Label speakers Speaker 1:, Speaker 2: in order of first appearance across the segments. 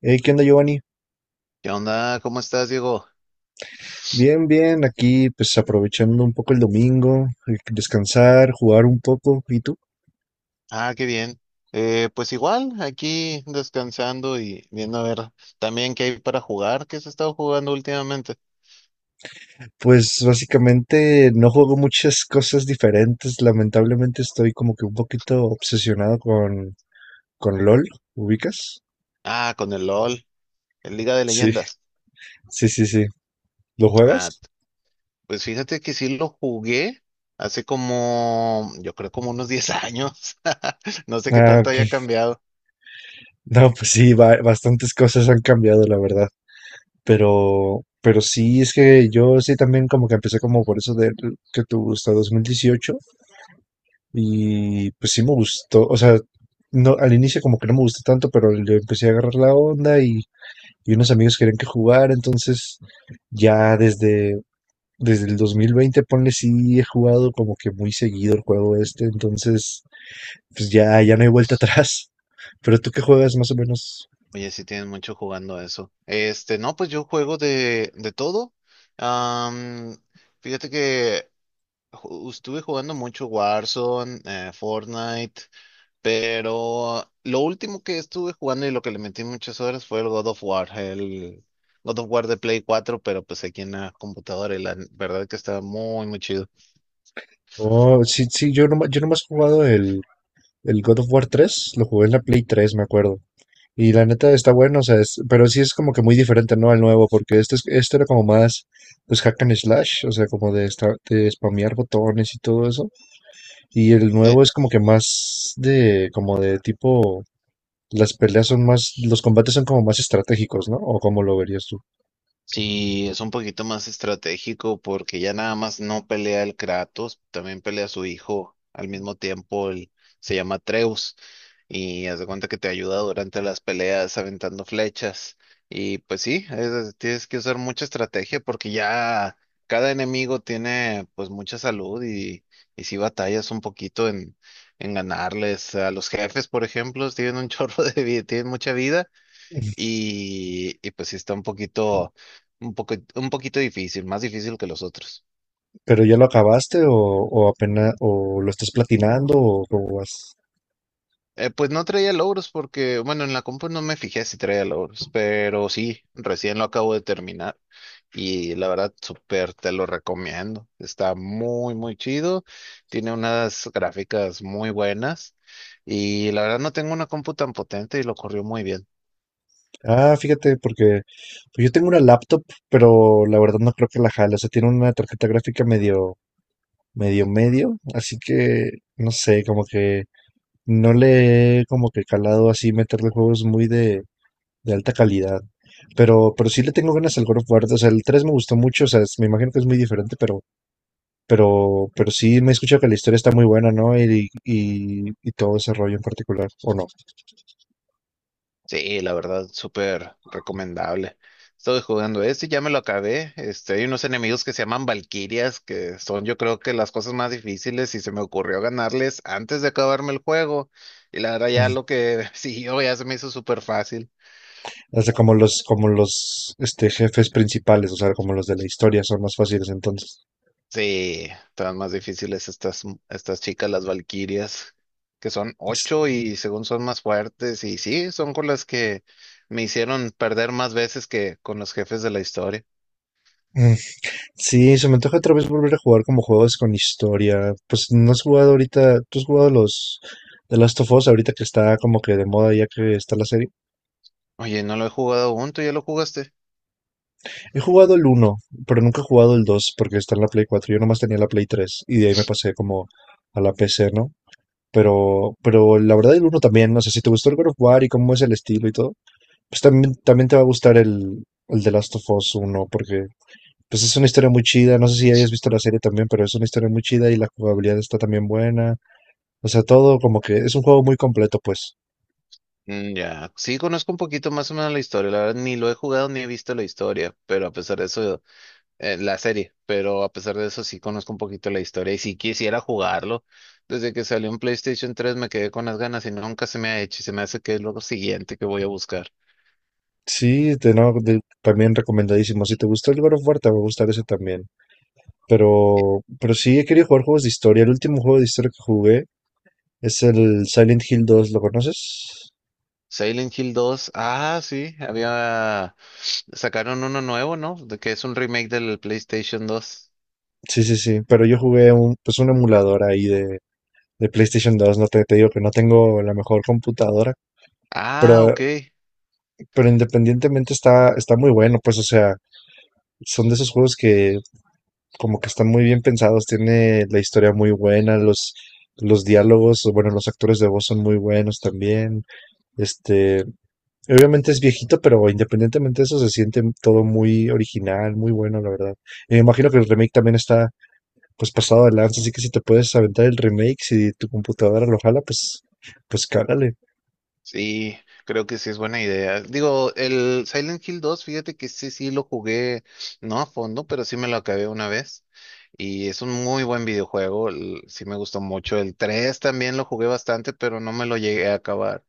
Speaker 1: Hey, ¿qué onda, Giovanni?
Speaker 2: ¿Qué onda? ¿Cómo estás, Diego?
Speaker 1: Bien, bien, aquí pues aprovechando un poco el domingo, descansar, jugar un poco. ¿Y tú?
Speaker 2: Ah, qué bien. Pues igual, aquí descansando y viendo a ver también qué hay para jugar, qué se ha estado jugando últimamente.
Speaker 1: Pues básicamente no juego muchas cosas diferentes. Lamentablemente estoy como que un poquito obsesionado con LOL. ¿Ubicas?
Speaker 2: Ah, con el LOL, el Liga de
Speaker 1: Sí,
Speaker 2: Leyendas.
Speaker 1: sí, sí, sí. ¿Lo
Speaker 2: Ah,
Speaker 1: juegas?
Speaker 2: pues fíjate que sí lo jugué hace como, yo creo como unos 10 años. No sé qué
Speaker 1: Ah,
Speaker 2: tanto
Speaker 1: ok.
Speaker 2: haya cambiado.
Speaker 1: No, pues sí, bastantes cosas han cambiado, la verdad. Pero sí, es que yo sí también como que empecé como por eso de que te gusta 2018. Y pues sí me gustó, o sea, no, al inicio como que no me gustó tanto, pero le empecé a agarrar la onda y unos amigos querían que jugar, entonces ya desde el 2020, ponle, sí he jugado como que muy seguido el juego este, entonces pues ya no hay vuelta atrás. Pero tú qué juegas más o menos.
Speaker 2: Oye, sí tienes mucho jugando eso. Este, no, pues yo juego de todo. Am, Fíjate que estuve jugando mucho Warzone, Fortnite, pero lo último que estuve jugando y lo que le metí muchas horas fue el God of War, el God of War de Play cuatro, pero pues aquí en la computadora y la verdad que está muy, muy chido.
Speaker 1: Oh, sí, sí, yo, no, yo nomás he jugado el God of War 3 lo jugué en la Play 3 me acuerdo. Y la neta está bueno, o sea, pero sí es como que muy diferente, ¿no? Al nuevo, porque este, este era como más, pues, hack and slash, o sea, como de, estar, de spamear botones y todo eso. Y el
Speaker 2: Eh,
Speaker 1: nuevo es como que más de, como de tipo, las peleas son más, los combates son como más estratégicos, ¿no? ¿O cómo lo verías tú?
Speaker 2: sí, es un poquito más estratégico porque ya nada más no pelea el Kratos, también pelea a su hijo al mismo tiempo, se llama Atreus. Y haz de cuenta que te ayuda durante las peleas aventando flechas. Y pues sí, tienes que usar mucha estrategia porque ya cada enemigo tiene pues mucha salud y si batallas un poquito en ganarles. A los jefes, por ejemplo, tienen un chorro de vida, tienen mucha vida y pues sí está un poquito, un poco, un poquito difícil, más difícil que los otros.
Speaker 1: ¿Pero ya lo acabaste o apenas, o lo estás platinando o cómo vas?
Speaker 2: Pues no traía logros porque, bueno, en la compu no me fijé si traía logros, pero sí, recién lo acabo de terminar y la verdad, súper te lo recomiendo. Está muy, muy chido, tiene unas gráficas muy buenas y la verdad no tengo una compu tan potente y lo corrió muy bien.
Speaker 1: Ah, fíjate, porque pues, yo tengo una laptop, pero la verdad no creo que la jale. O sea, tiene una tarjeta gráfica medio, medio, medio. Así que, no sé, como que no le he como que calado así meterle juegos muy de alta calidad. Pero sí le tengo ganas al God of War. O sea, el 3 me gustó mucho. O sea, me imagino que es muy diferente, pero sí me he escuchado que la historia está muy buena, ¿no? Y todo ese rollo en particular, ¿o no?
Speaker 2: Sí, la verdad, súper recomendable. Estoy jugando este, ya me lo acabé. Este, hay unos enemigos que se llaman Valquirias, que son yo creo que las cosas más difíciles y se me ocurrió ganarles antes de acabarme el juego. Y la verdad ya lo que siguió ya se me hizo súper fácil.
Speaker 1: O sea, como los jefes principales, o sea, como los de la historia, son más fáciles entonces.
Speaker 2: Sí, estaban más difíciles estas, estas chicas, las Valquirias, que son
Speaker 1: Ts-
Speaker 2: ocho y según son más fuertes. Y sí, son con las que me hicieron perder más veces que con los jefes de la historia.
Speaker 1: mm. Sí, se me antoja otra vez volver a jugar como juegos con historia. Pues no has jugado ahorita, tú has jugado los The Last of Us ahorita que está como que de moda ya que está la serie.
Speaker 2: Oye, no lo he jugado aún, ¿tú ya lo jugaste?
Speaker 1: He jugado el uno pero nunca he jugado el 2 porque está en la Play cuatro. Yo nomás tenía la Play 3 y de ahí me pasé como a la PC, ¿no? Pero la verdad el uno también, no sé si te gustó el God of War y cómo es el estilo y todo. Pues también te va a gustar el The Last of Us uno porque pues es una historia muy chida. No sé si hayas visto la serie también, pero es una historia muy chida y la jugabilidad está también buena. O sea, todo como que es un juego muy completo, pues.
Speaker 2: Mm, ya, sí conozco un poquito más o menos la historia, la verdad ni lo he jugado ni he visto la historia, pero a pesar de eso, la serie, pero a pesar de eso sí conozco un poquito la historia y si quisiera jugarlo, desde que salió en PlayStation 3 me quedé con las ganas y nunca se me ha hecho y se me hace que es lo siguiente que voy a buscar.
Speaker 1: Sí, de, no, también recomendadísimo. Si te gustó el God of War, te va a gustar ese también.
Speaker 2: Eh,
Speaker 1: Pero sí, he querido jugar juegos de historia. El último juego de historia que jugué es el Silent Hill 2, ¿lo conoces?
Speaker 2: Silent Hill 2, ah, sí, había, sacaron uno nuevo, ¿no? De que es un remake del PlayStation 2.
Speaker 1: Sí, sí, sí. Pero yo jugué un, pues un emulador ahí de PlayStation dos. No te digo que no tengo la mejor computadora.
Speaker 2: Ah,
Speaker 1: Pero
Speaker 2: ok.
Speaker 1: pero independientemente está muy bueno, pues, o sea, son de esos juegos que como que están muy bien pensados, tiene la historia muy buena, los diálogos, o bueno, los actores de voz son muy buenos también. Este, obviamente es viejito, pero independientemente de eso se siente todo muy original, muy bueno, la verdad. Y me imagino que el remake también está pues pasado de lanza, así que si te puedes aventar el remake, si tu computadora lo jala, pues cálale.
Speaker 2: Sí, creo que sí es buena idea. Digo, el Silent Hill 2, fíjate que sí, sí lo jugué, no a fondo, pero sí me lo acabé una vez. Y es un muy buen videojuego, sí me gustó mucho. El 3 también lo jugué bastante, pero no me lo llegué a acabar.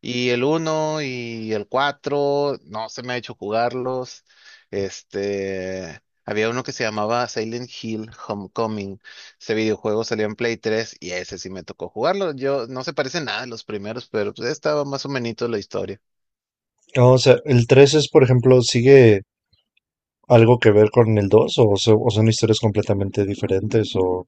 Speaker 2: Y el uno y el 4 no se me ha hecho jugarlos. Este, había uno que se llamaba Silent Hill Homecoming. Ese videojuego salió en Play 3 y ese sí me tocó jugarlo. Yo no se parece nada a los primeros, pero pues estaba más o menos la historia.
Speaker 1: No, o sea, el 3 es, por ejemplo, sigue algo que ver con el 2 o, o son historias completamente diferentes o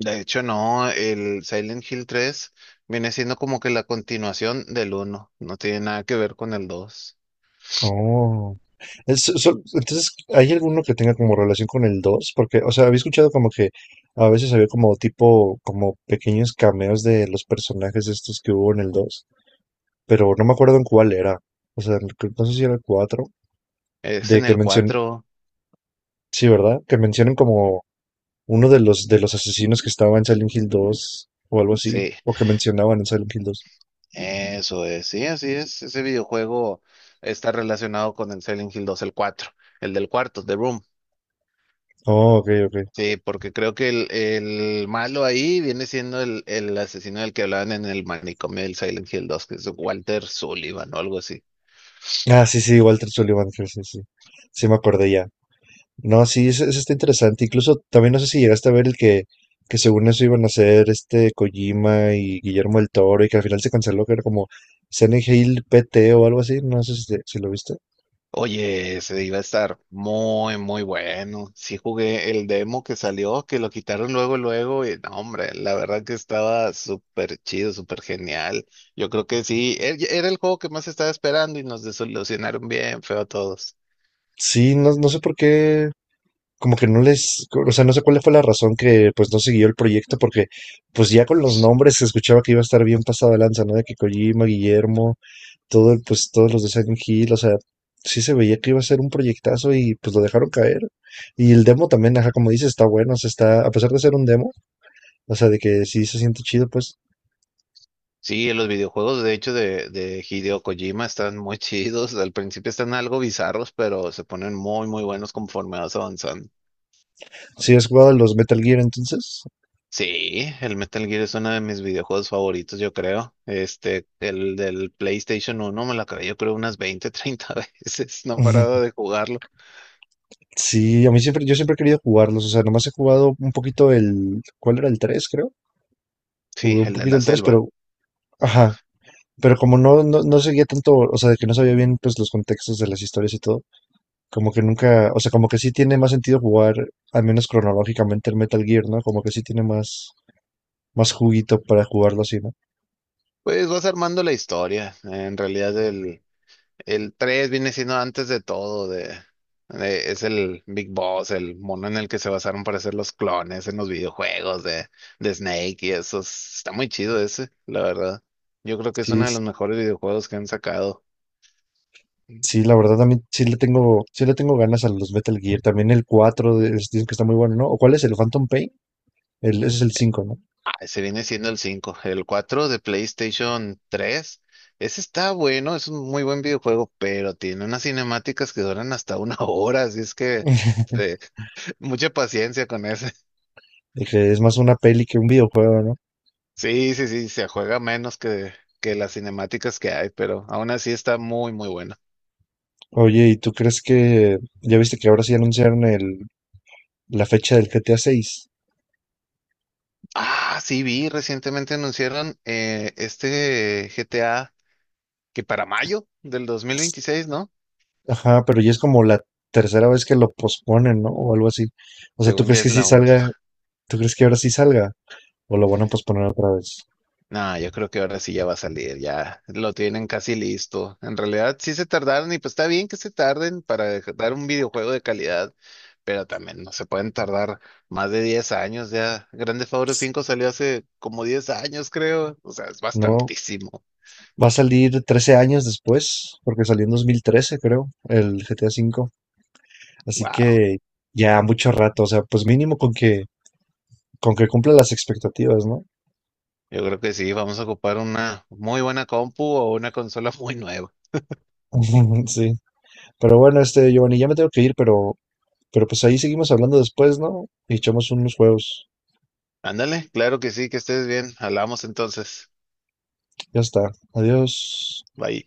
Speaker 2: De hecho, no, el Silent Hill 3 viene siendo como que la continuación del uno. No tiene nada que ver con el 2.
Speaker 1: no. Entonces, ¿hay alguno que tenga como relación con el dos? Porque, o sea, había escuchado como que a veces había como tipo, como pequeños cameos de los personajes estos que hubo en el 2 pero no me acuerdo en cuál era. O sea, no sé si era el 4
Speaker 2: Es
Speaker 1: de
Speaker 2: en
Speaker 1: que
Speaker 2: el
Speaker 1: mencionen,
Speaker 2: cuatro,
Speaker 1: sí, ¿verdad? Que mencionen como uno de los asesinos que estaba en Silent Hill 2 o algo así,
Speaker 2: sí.
Speaker 1: o que mencionaban en Silent Hill dos.
Speaker 2: Eso es, sí, así es. Ese videojuego está relacionado con el Silent Hill dos, el cuatro, el del cuarto, The Room.
Speaker 1: Oh, ok, ok.
Speaker 2: Sí, porque creo que el malo ahí viene siendo el asesino del que hablaban en el manicomio del Silent Hill 2, que es Walter Sullivan o algo así.
Speaker 1: Ah, sí, sí, Walter Sullivan, sí, sí, sí, sí me acordé ya. No, sí, eso está interesante. Incluso también no sé si llegaste a ver el que según eso iban a hacer Kojima y Guillermo del Toro y que al final se canceló, que era como Silent Hill PT o algo así. No sé si, si lo viste.
Speaker 2: Oye, se iba a estar muy, muy bueno. Sí jugué el demo que salió, que lo quitaron luego, luego, y no, hombre, la verdad que estaba súper chido, súper genial. Yo creo que sí, era el juego que más estaba esperando y nos desilusionaron bien feo a todos.
Speaker 1: Sí, no, no sé por qué, como que no les, o sea, no sé cuál fue la razón que pues no siguió el proyecto, porque pues ya con los nombres se escuchaba que iba a estar bien pasada lanza, ¿no? De que Kojima, Guillermo. Todo el, pues todos los de Silent Hill, o sea, sí se veía que iba a ser un proyectazo y pues lo dejaron caer. Y el demo también, ajá, como dices, está bueno, o sea, está, a pesar de ser un demo, o sea, de que sí se siente chido, pues,
Speaker 2: Sí, los videojuegos, de hecho, de Hideo Kojima están muy chidos. Al principio están algo bizarros, pero se ponen muy, muy buenos conforme vas avanzando.
Speaker 1: si has jugado los Metal Gear entonces,
Speaker 2: Sí, el Metal Gear es uno de mis videojuegos favoritos, yo creo. Este, el del PlayStation uno, me lo acabé, yo creo, unas 20, 30 veces. No he
Speaker 1: Ujú.
Speaker 2: parado de jugarlo.
Speaker 1: Sí, a mí siempre, yo siempre he querido jugarlos, o sea, nomás he jugado un poquito el, ¿cuál era el 3 creo?
Speaker 2: Sí,
Speaker 1: Jugué un
Speaker 2: el de
Speaker 1: poquito
Speaker 2: la
Speaker 1: el 3 pero,
Speaker 2: selva.
Speaker 1: ajá, pero como no seguía tanto, o sea, de que no sabía bien, pues, los contextos de las historias y todo. Como que nunca, o sea, como que sí tiene más sentido jugar, al menos cronológicamente, el Metal Gear, ¿no? Como que sí tiene más, más juguito para jugarlo así, ¿no?
Speaker 2: Pues vas armando la historia. En realidad, el 3 viene siendo antes de todo. De, es el Big Boss, el mono en el que se basaron para hacer los clones en los videojuegos de Snake y eso. Está muy chido ese, la verdad. Yo creo que es
Speaker 1: Sí,
Speaker 2: uno de los mejores videojuegos que han sacado.
Speaker 1: sí, la verdad también sí le tengo ganas a los Metal Gear. También el 4 dicen que está muy bueno, ¿no? ¿O cuál es el Phantom Pain? Ese es el cinco, ¿no?
Speaker 2: Se viene siendo el cinco. El 4 de PlayStation 3. Ese está bueno, es un muy buen videojuego, pero tiene unas cinemáticas que duran hasta una hora, así es que eh, mucha paciencia con ese.
Speaker 1: De que es más una peli que un videojuego, ¿no?
Speaker 2: Sí, sí, sí, se juega menos que las cinemáticas que hay, pero aún así está muy, muy bueno.
Speaker 1: Oye, ¿y tú crees que ya viste que ahora sí anunciaron la fecha del GTA 6?
Speaker 2: Ah, sí, vi, recientemente anunciaron este GTA que para mayo del 2026, ¿no?
Speaker 1: Ajá, pero ya es como la tercera vez que lo posponen, ¿no? O algo así. O sea, ¿tú
Speaker 2: Según ya
Speaker 1: crees que
Speaker 2: es
Speaker 1: sí
Speaker 2: la, ult-.
Speaker 1: salga? ¿Tú crees que ahora sí salga? ¿O lo van a posponer otra vez?
Speaker 2: No, yo creo que ahora sí ya va a salir, ya lo tienen casi listo. En realidad sí se tardaron y pues está bien que se tarden para dar un videojuego de calidad, pero también no se pueden tardar más de 10 años ya. Grande Auto 5 salió hace como 10 años, creo. O sea, es
Speaker 1: No,
Speaker 2: bastantísimo.
Speaker 1: va a salir 13 años después, porque salió en 2013, creo, el GTA V. Así
Speaker 2: Wow.
Speaker 1: que ya mucho rato, o sea, pues mínimo con que, cumpla las expectativas, ¿no?
Speaker 2: Yo creo que sí, vamos a ocupar una muy buena compu o una consola muy nueva.
Speaker 1: Sí. Pero bueno, Giovanni, ya me tengo que ir, pero, pues ahí seguimos hablando después, ¿no? Y echamos unos juegos.
Speaker 2: Ándale, claro que sí, que estés bien. Hablamos entonces.
Speaker 1: Ya está. Adiós.
Speaker 2: Bye.